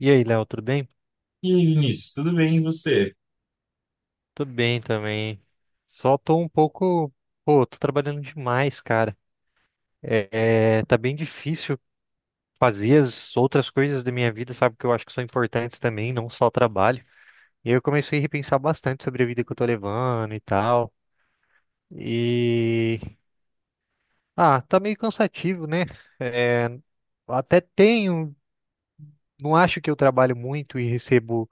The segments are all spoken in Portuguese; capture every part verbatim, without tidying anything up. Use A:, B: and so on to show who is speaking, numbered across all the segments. A: E aí, Léo, tudo bem?
B: E aí, Vinícius, tudo bem e você?
A: Tô bem também. Só tô um pouco. Pô, tô trabalhando demais, cara. É, é, tá bem difícil fazer as outras coisas da minha vida, sabe? Que eu acho que são importantes também, não só o trabalho. E aí eu comecei a repensar bastante sobre a vida que eu tô levando e tal. E. Ah, tá meio cansativo, né? Até tenho. Não acho que eu trabalho muito e recebo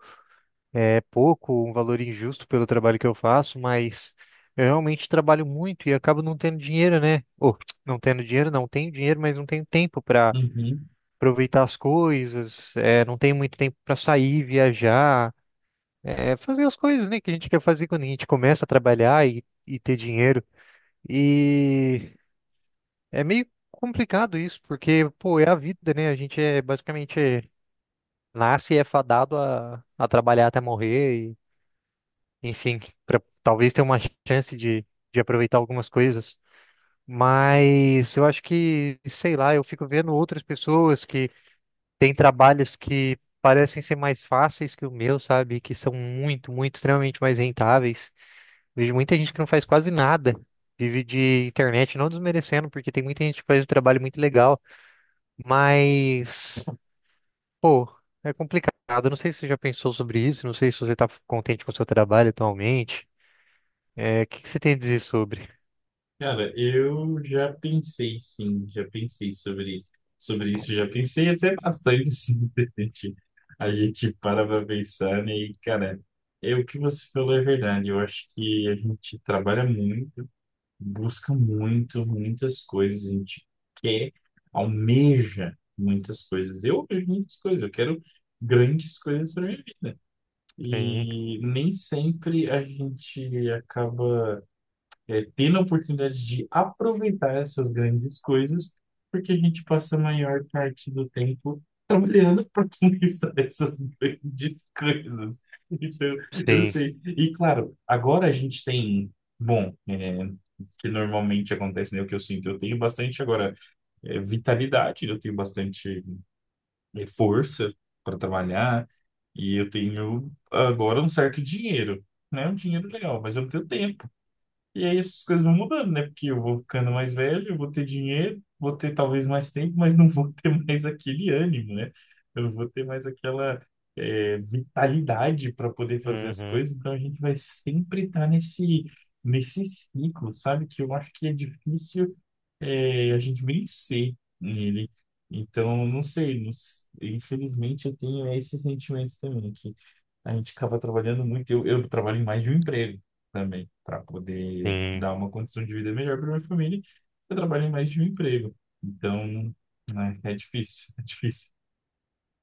A: pouco, um valor injusto pelo trabalho que eu faço, mas eu realmente trabalho muito e acabo não tendo dinheiro, né? Ou não tendo dinheiro, não tenho dinheiro, mas não tenho tempo para
B: Uhum.
A: aproveitar as coisas, é, não tenho muito tempo para sair, viajar, é, fazer as coisas, né, que a gente quer fazer quando a gente começa a trabalhar e, e ter dinheiro. E é meio complicado isso, porque, pô, é a vida, né? A gente é basicamente é, nasce e é fadado a, a trabalhar até morrer, enfim, para talvez ter uma chance de, de aproveitar algumas coisas. Mas eu acho que, sei lá, eu fico vendo outras pessoas que têm trabalhos que parecem ser mais fáceis que o meu, sabe? Que são muito, muito, extremamente mais rentáveis. Vejo muita gente que não faz quase nada. Vive de internet, não desmerecendo, porque tem muita gente que faz um trabalho muito legal, mas, pô, é complicado. Eu Não sei se você já pensou sobre isso, não sei se você está contente com o seu trabalho atualmente. É, o que que você tem a dizer sobre?
B: Cara, eu já pensei sim, já pensei sobre, sobre isso, já pensei até bastante sim, de repente. A gente para pra pensar, né? E, cara, é o que você falou é verdade. Eu acho que a gente trabalha muito, busca muito, muitas coisas, a gente quer, almeja muitas coisas. Eu almejo muitas coisas, eu quero grandes coisas para mim.
A: Sim,
B: E nem sempre a gente acaba é, tendo a oportunidade de aproveitar essas grandes coisas, porque a gente passa a maior parte do tempo trabalhando para conquistar essas grandes coisas. Então, eu
A: sim,
B: sei. E claro, agora a gente tem, bom, é, que normalmente acontece, né? O que eu sinto, eu tenho bastante agora é, vitalidade, eu tenho bastante é, força para trabalhar, e eu tenho agora um certo dinheiro, né, um dinheiro legal, mas eu não tenho tempo. E aí essas coisas vão mudando, né? Porque eu vou ficando mais velho, eu vou ter dinheiro, vou ter talvez mais tempo, mas não vou ter mais aquele ânimo, né? Eu não vou ter mais aquela é, vitalidade para poder fazer as
A: uhum,
B: coisas. Então a gente vai sempre estar nesse, nesse ciclo, sabe? Que eu acho que é difícil é, a gente vencer nele. Então, não sei, não s- infelizmente eu tenho esse sentimento também, que a gente acaba trabalhando muito. Eu, eu trabalho em mais de um emprego também, para poder
A: sim.
B: dar uma condição de vida melhor para minha família. Eu trabalho em mais de um emprego. Então, né, é difícil, é difícil.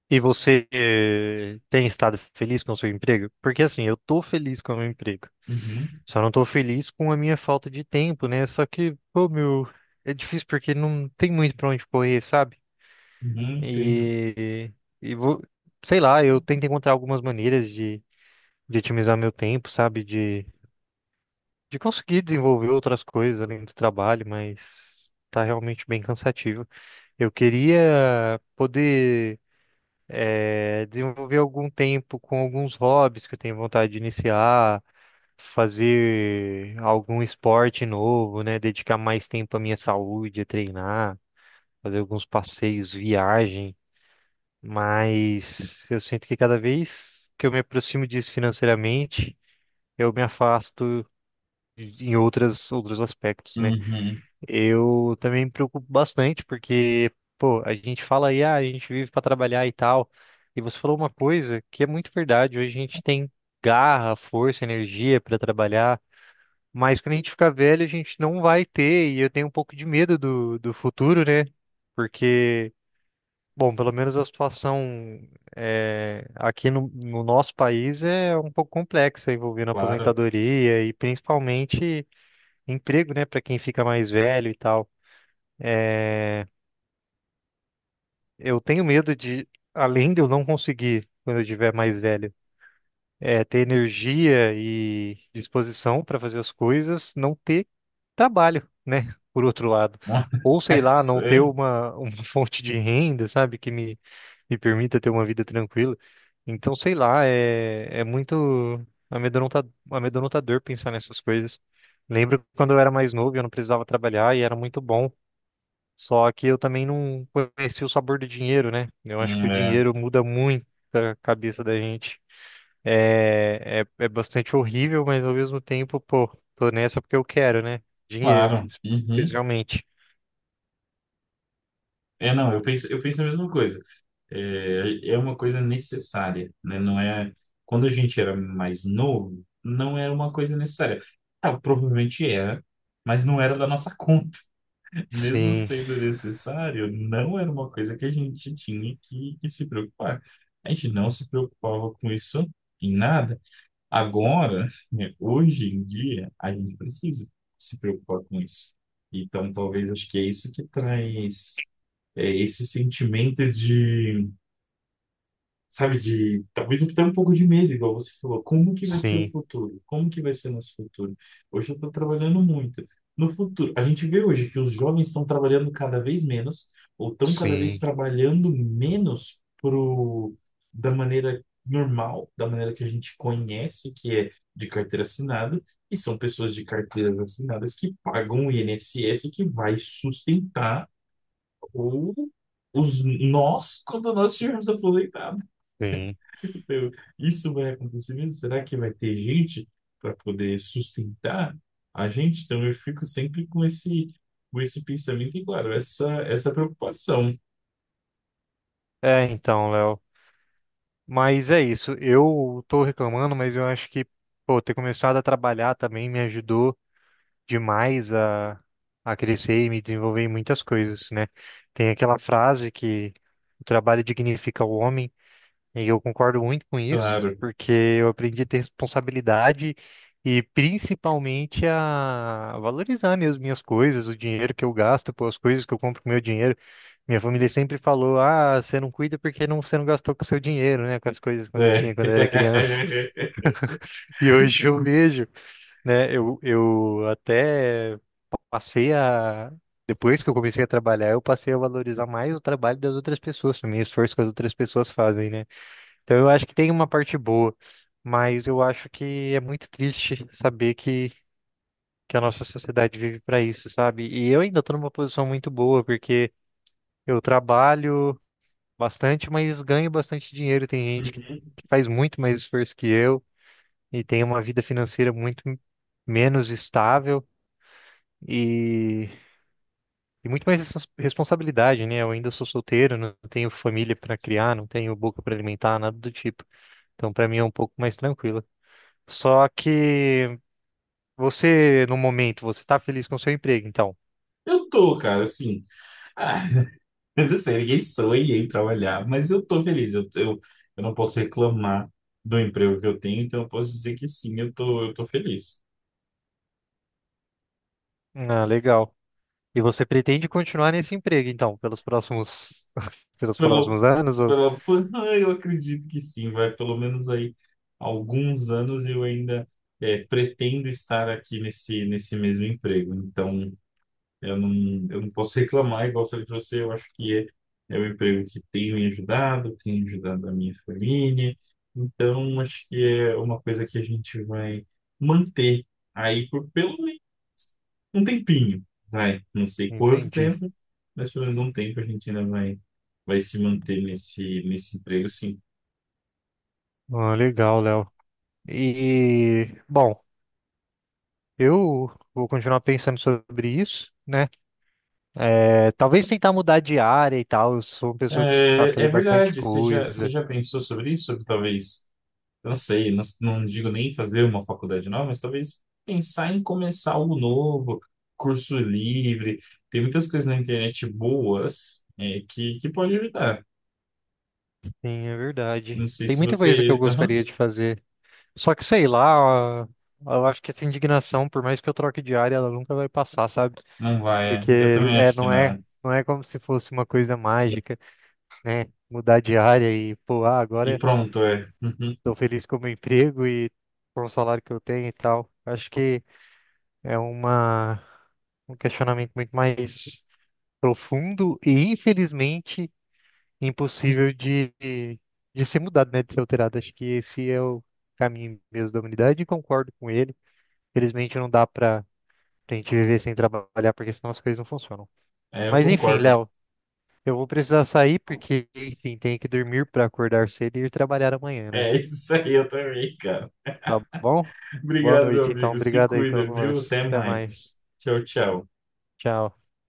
A: E você eh, tem estado feliz com o seu emprego? Porque assim, eu tô feliz com o meu emprego.
B: Uhum,
A: Só não tô feliz com a minha falta de tempo, né? Só que, pô, meu, é difícil porque não tem muito pra onde correr, sabe?
B: uhum, entendo.
A: E, e vou, sei lá, eu tento encontrar algumas maneiras de, de otimizar meu tempo, sabe? De, de conseguir desenvolver outras coisas além do trabalho, mas tá realmente bem cansativo. Eu queria poder eh, desenvolver algum tempo com alguns hobbies que eu tenho vontade de iniciar, fazer algum esporte novo, né? Dedicar mais tempo à minha saúde, a treinar, fazer alguns passeios, viagem. Mas eu sinto que cada vez que eu me aproximo disso financeiramente, eu me afasto em outras, outros aspectos, né?
B: Uhum,
A: Eu também me preocupo bastante, porque, pô, a gente fala aí, ah, a gente vive para trabalhar e tal. E você falou uma coisa que é muito verdade. Hoje a gente tem garra, força, energia para trabalhar, mas quando a gente ficar velho, a gente não vai ter. E eu tenho um pouco de medo do, do futuro, né? Porque, bom, pelo menos a situação é, aqui no, no nosso país é um pouco complexa, envolvendo
B: claro.
A: aposentadoria e principalmente emprego, né, para quem fica mais velho e tal. Eu tenho medo de, além de eu não conseguir, quando eu estiver mais velho, é, ter energia e disposição para fazer as coisas, não ter trabalho, né? Por outro lado. Ou sei
B: É
A: lá, não ter
B: sério.
A: uma, uma fonte de renda, sabe? Que me, me permita ter uma vida tranquila. Então, sei lá, é, é muito amedronta- amedrontador pensar nessas coisas. Lembro quando eu era mais novo, eu não precisava trabalhar e era muito bom. Só que eu também não conheci o sabor do dinheiro, né? Eu
B: Hum,
A: acho que o
B: É,
A: dinheiro muda muito a cabeça da gente. É, é, é bastante horrível, mas ao mesmo tempo, pô, tô nessa porque eu quero, né? Dinheiro,
B: claro. Uhum.
A: especialmente.
B: É, não, eu penso, eu penso a mesma coisa. É, é uma coisa necessária, né? Não é... Quando a gente era mais novo, não era uma coisa necessária. Ah, provavelmente era, mas não era da nossa conta. Mesmo
A: Sim,
B: sendo necessário, não era uma coisa que a gente tinha que, que se preocupar. A gente não se preocupava com isso em nada. Agora, né, hoje em dia, a gente precisa se preocupar com isso. Então, talvez acho que é isso que traz é, esse sentimento de, sabe, de talvez até um pouco de medo, igual você falou. Como que vai ser o
A: sim,
B: futuro? Como que vai ser nosso futuro? Hoje eu estou trabalhando muito. No futuro, a gente vê hoje que os jovens estão trabalhando cada vez menos, ou estão cada vez
A: sim,
B: trabalhando menos pro, da maneira normal, da maneira que a gente conhece, que é de carteira assinada, e são pessoas de carteiras assinadas que pagam o I N S S que vai sustentar o, os nós quando nós estivermos aposentados.
A: sim.
B: Eu, isso vai acontecer mesmo? Será que vai ter gente para poder sustentar a gente? Então eu fico sempre com esse, com esse pensamento e, claro, essa, essa preocupação,
A: É, então, Léo. Mas é isso. Eu tô reclamando, mas eu acho que, pô, ter começado a trabalhar também me ajudou demais a, a crescer e me desenvolver em muitas coisas, né? Tem aquela frase que o trabalho dignifica o homem, e eu concordo muito com isso,
B: claro.
A: porque eu aprendi a ter responsabilidade e principalmente a valorizar mesmo minhas coisas, o dinheiro que eu gasto, pô, as coisas que eu compro com meu dinheiro. Minha família sempre falou: ah, você não cuida porque não, você não gastou com o seu dinheiro, né? Com as coisas quando eu
B: É.
A: tinha, quando eu era criança. E hoje eu vejo, né? Eu, eu até passei a. Depois que eu comecei a trabalhar, eu passei a valorizar mais o trabalho das outras pessoas também, o esforço que as outras pessoas fazem, né? Então eu acho que tem uma parte boa, mas eu acho que é muito triste saber que, que a nossa sociedade vive para isso, sabe? E eu ainda estou numa posição muito boa, porque eu trabalho bastante, mas ganho bastante dinheiro. Tem gente que
B: Uhum.
A: que faz muito mais esforço que eu e tem uma vida financeira muito menos estável. E E muito mais respons- responsabilidade, né? Eu ainda sou solteiro, não tenho família para criar, não tenho boca para alimentar, nada do tipo. Então, para mim é um pouco mais tranquilo. Só que você, no momento, você está feliz com o seu emprego, então.
B: Eu tô, cara, assim. Ah, eu não sei, ninguém sonha em trabalhar, mas eu tô feliz. Eu, eu, eu não posso reclamar do emprego que eu tenho, então eu posso dizer que sim, eu tô, eu tô feliz.
A: Ah, legal. E você pretende continuar nesse emprego, então, pelos próximos, pelos
B: Pelo
A: próximos anos? Ou...
B: Pela- por- Ah, eu acredito que sim, vai pelo menos aí alguns anos eu ainda é, pretendo estar aqui nesse, nesse mesmo emprego. Então, eu não, eu não posso reclamar, igual eu falei para você, eu acho que é, é um emprego que tem me ajudado, tem ajudado a minha família. Então, acho que é uma coisa que a gente vai manter aí por pelo um tempinho, vai, não sei quanto
A: Entendi.
B: tempo, mas pelo menos um tempo a gente ainda vai, vai se manter nesse, nesse emprego, sim.
A: Ah, legal, Léo. E, bom, eu vou continuar pensando sobre isso, né? É, talvez tentar mudar de área e tal. Eu sou uma pessoa que sabe
B: É, é
A: fazer bastante
B: verdade, você já, você
A: coisa.
B: já pensou sobre isso? Sobre talvez, eu não sei, não, não digo nem fazer uma faculdade nova, mas talvez pensar em começar algo novo, curso livre, tem muitas coisas na internet boas, é, que, que pode ajudar.
A: Sim, é
B: Não
A: verdade.
B: sei
A: Tem
B: se
A: muita coisa que eu
B: você... Aham,
A: gostaria de fazer. Só que sei lá, eu acho que essa indignação, por mais que eu troque de área, ela nunca vai passar, sabe?
B: não vai, é.
A: Porque
B: Eu também
A: é,
B: acho que
A: não é,
B: não.
A: não é como se fosse uma coisa mágica, né? Mudar de área e, pô, ah,
B: E
A: agora
B: pronto, é. Uhum.
A: tô feliz com o meu emprego e com o salário que eu tenho e tal. Acho que é uma, um questionamento muito mais profundo e, infelizmente, impossível de, de ser mudado, né? De ser alterado. Acho que esse é o caminho mesmo da humanidade e concordo com ele. Felizmente não dá pra, pra gente viver sem trabalhar, porque senão as coisas não funcionam.
B: É, eu
A: Mas enfim,
B: concordo.
A: Léo, eu vou precisar sair porque, enfim, tenho que dormir pra acordar cedo e ir trabalhar amanhã, né?
B: É isso aí, eu também, cara.
A: Tá bom? Boa
B: Obrigado, meu
A: noite, então.
B: amigo. Se
A: Obrigado aí pela
B: cuida, viu?
A: conversa.
B: Até
A: Até
B: mais.
A: mais.
B: Tchau, tchau.
A: Tchau.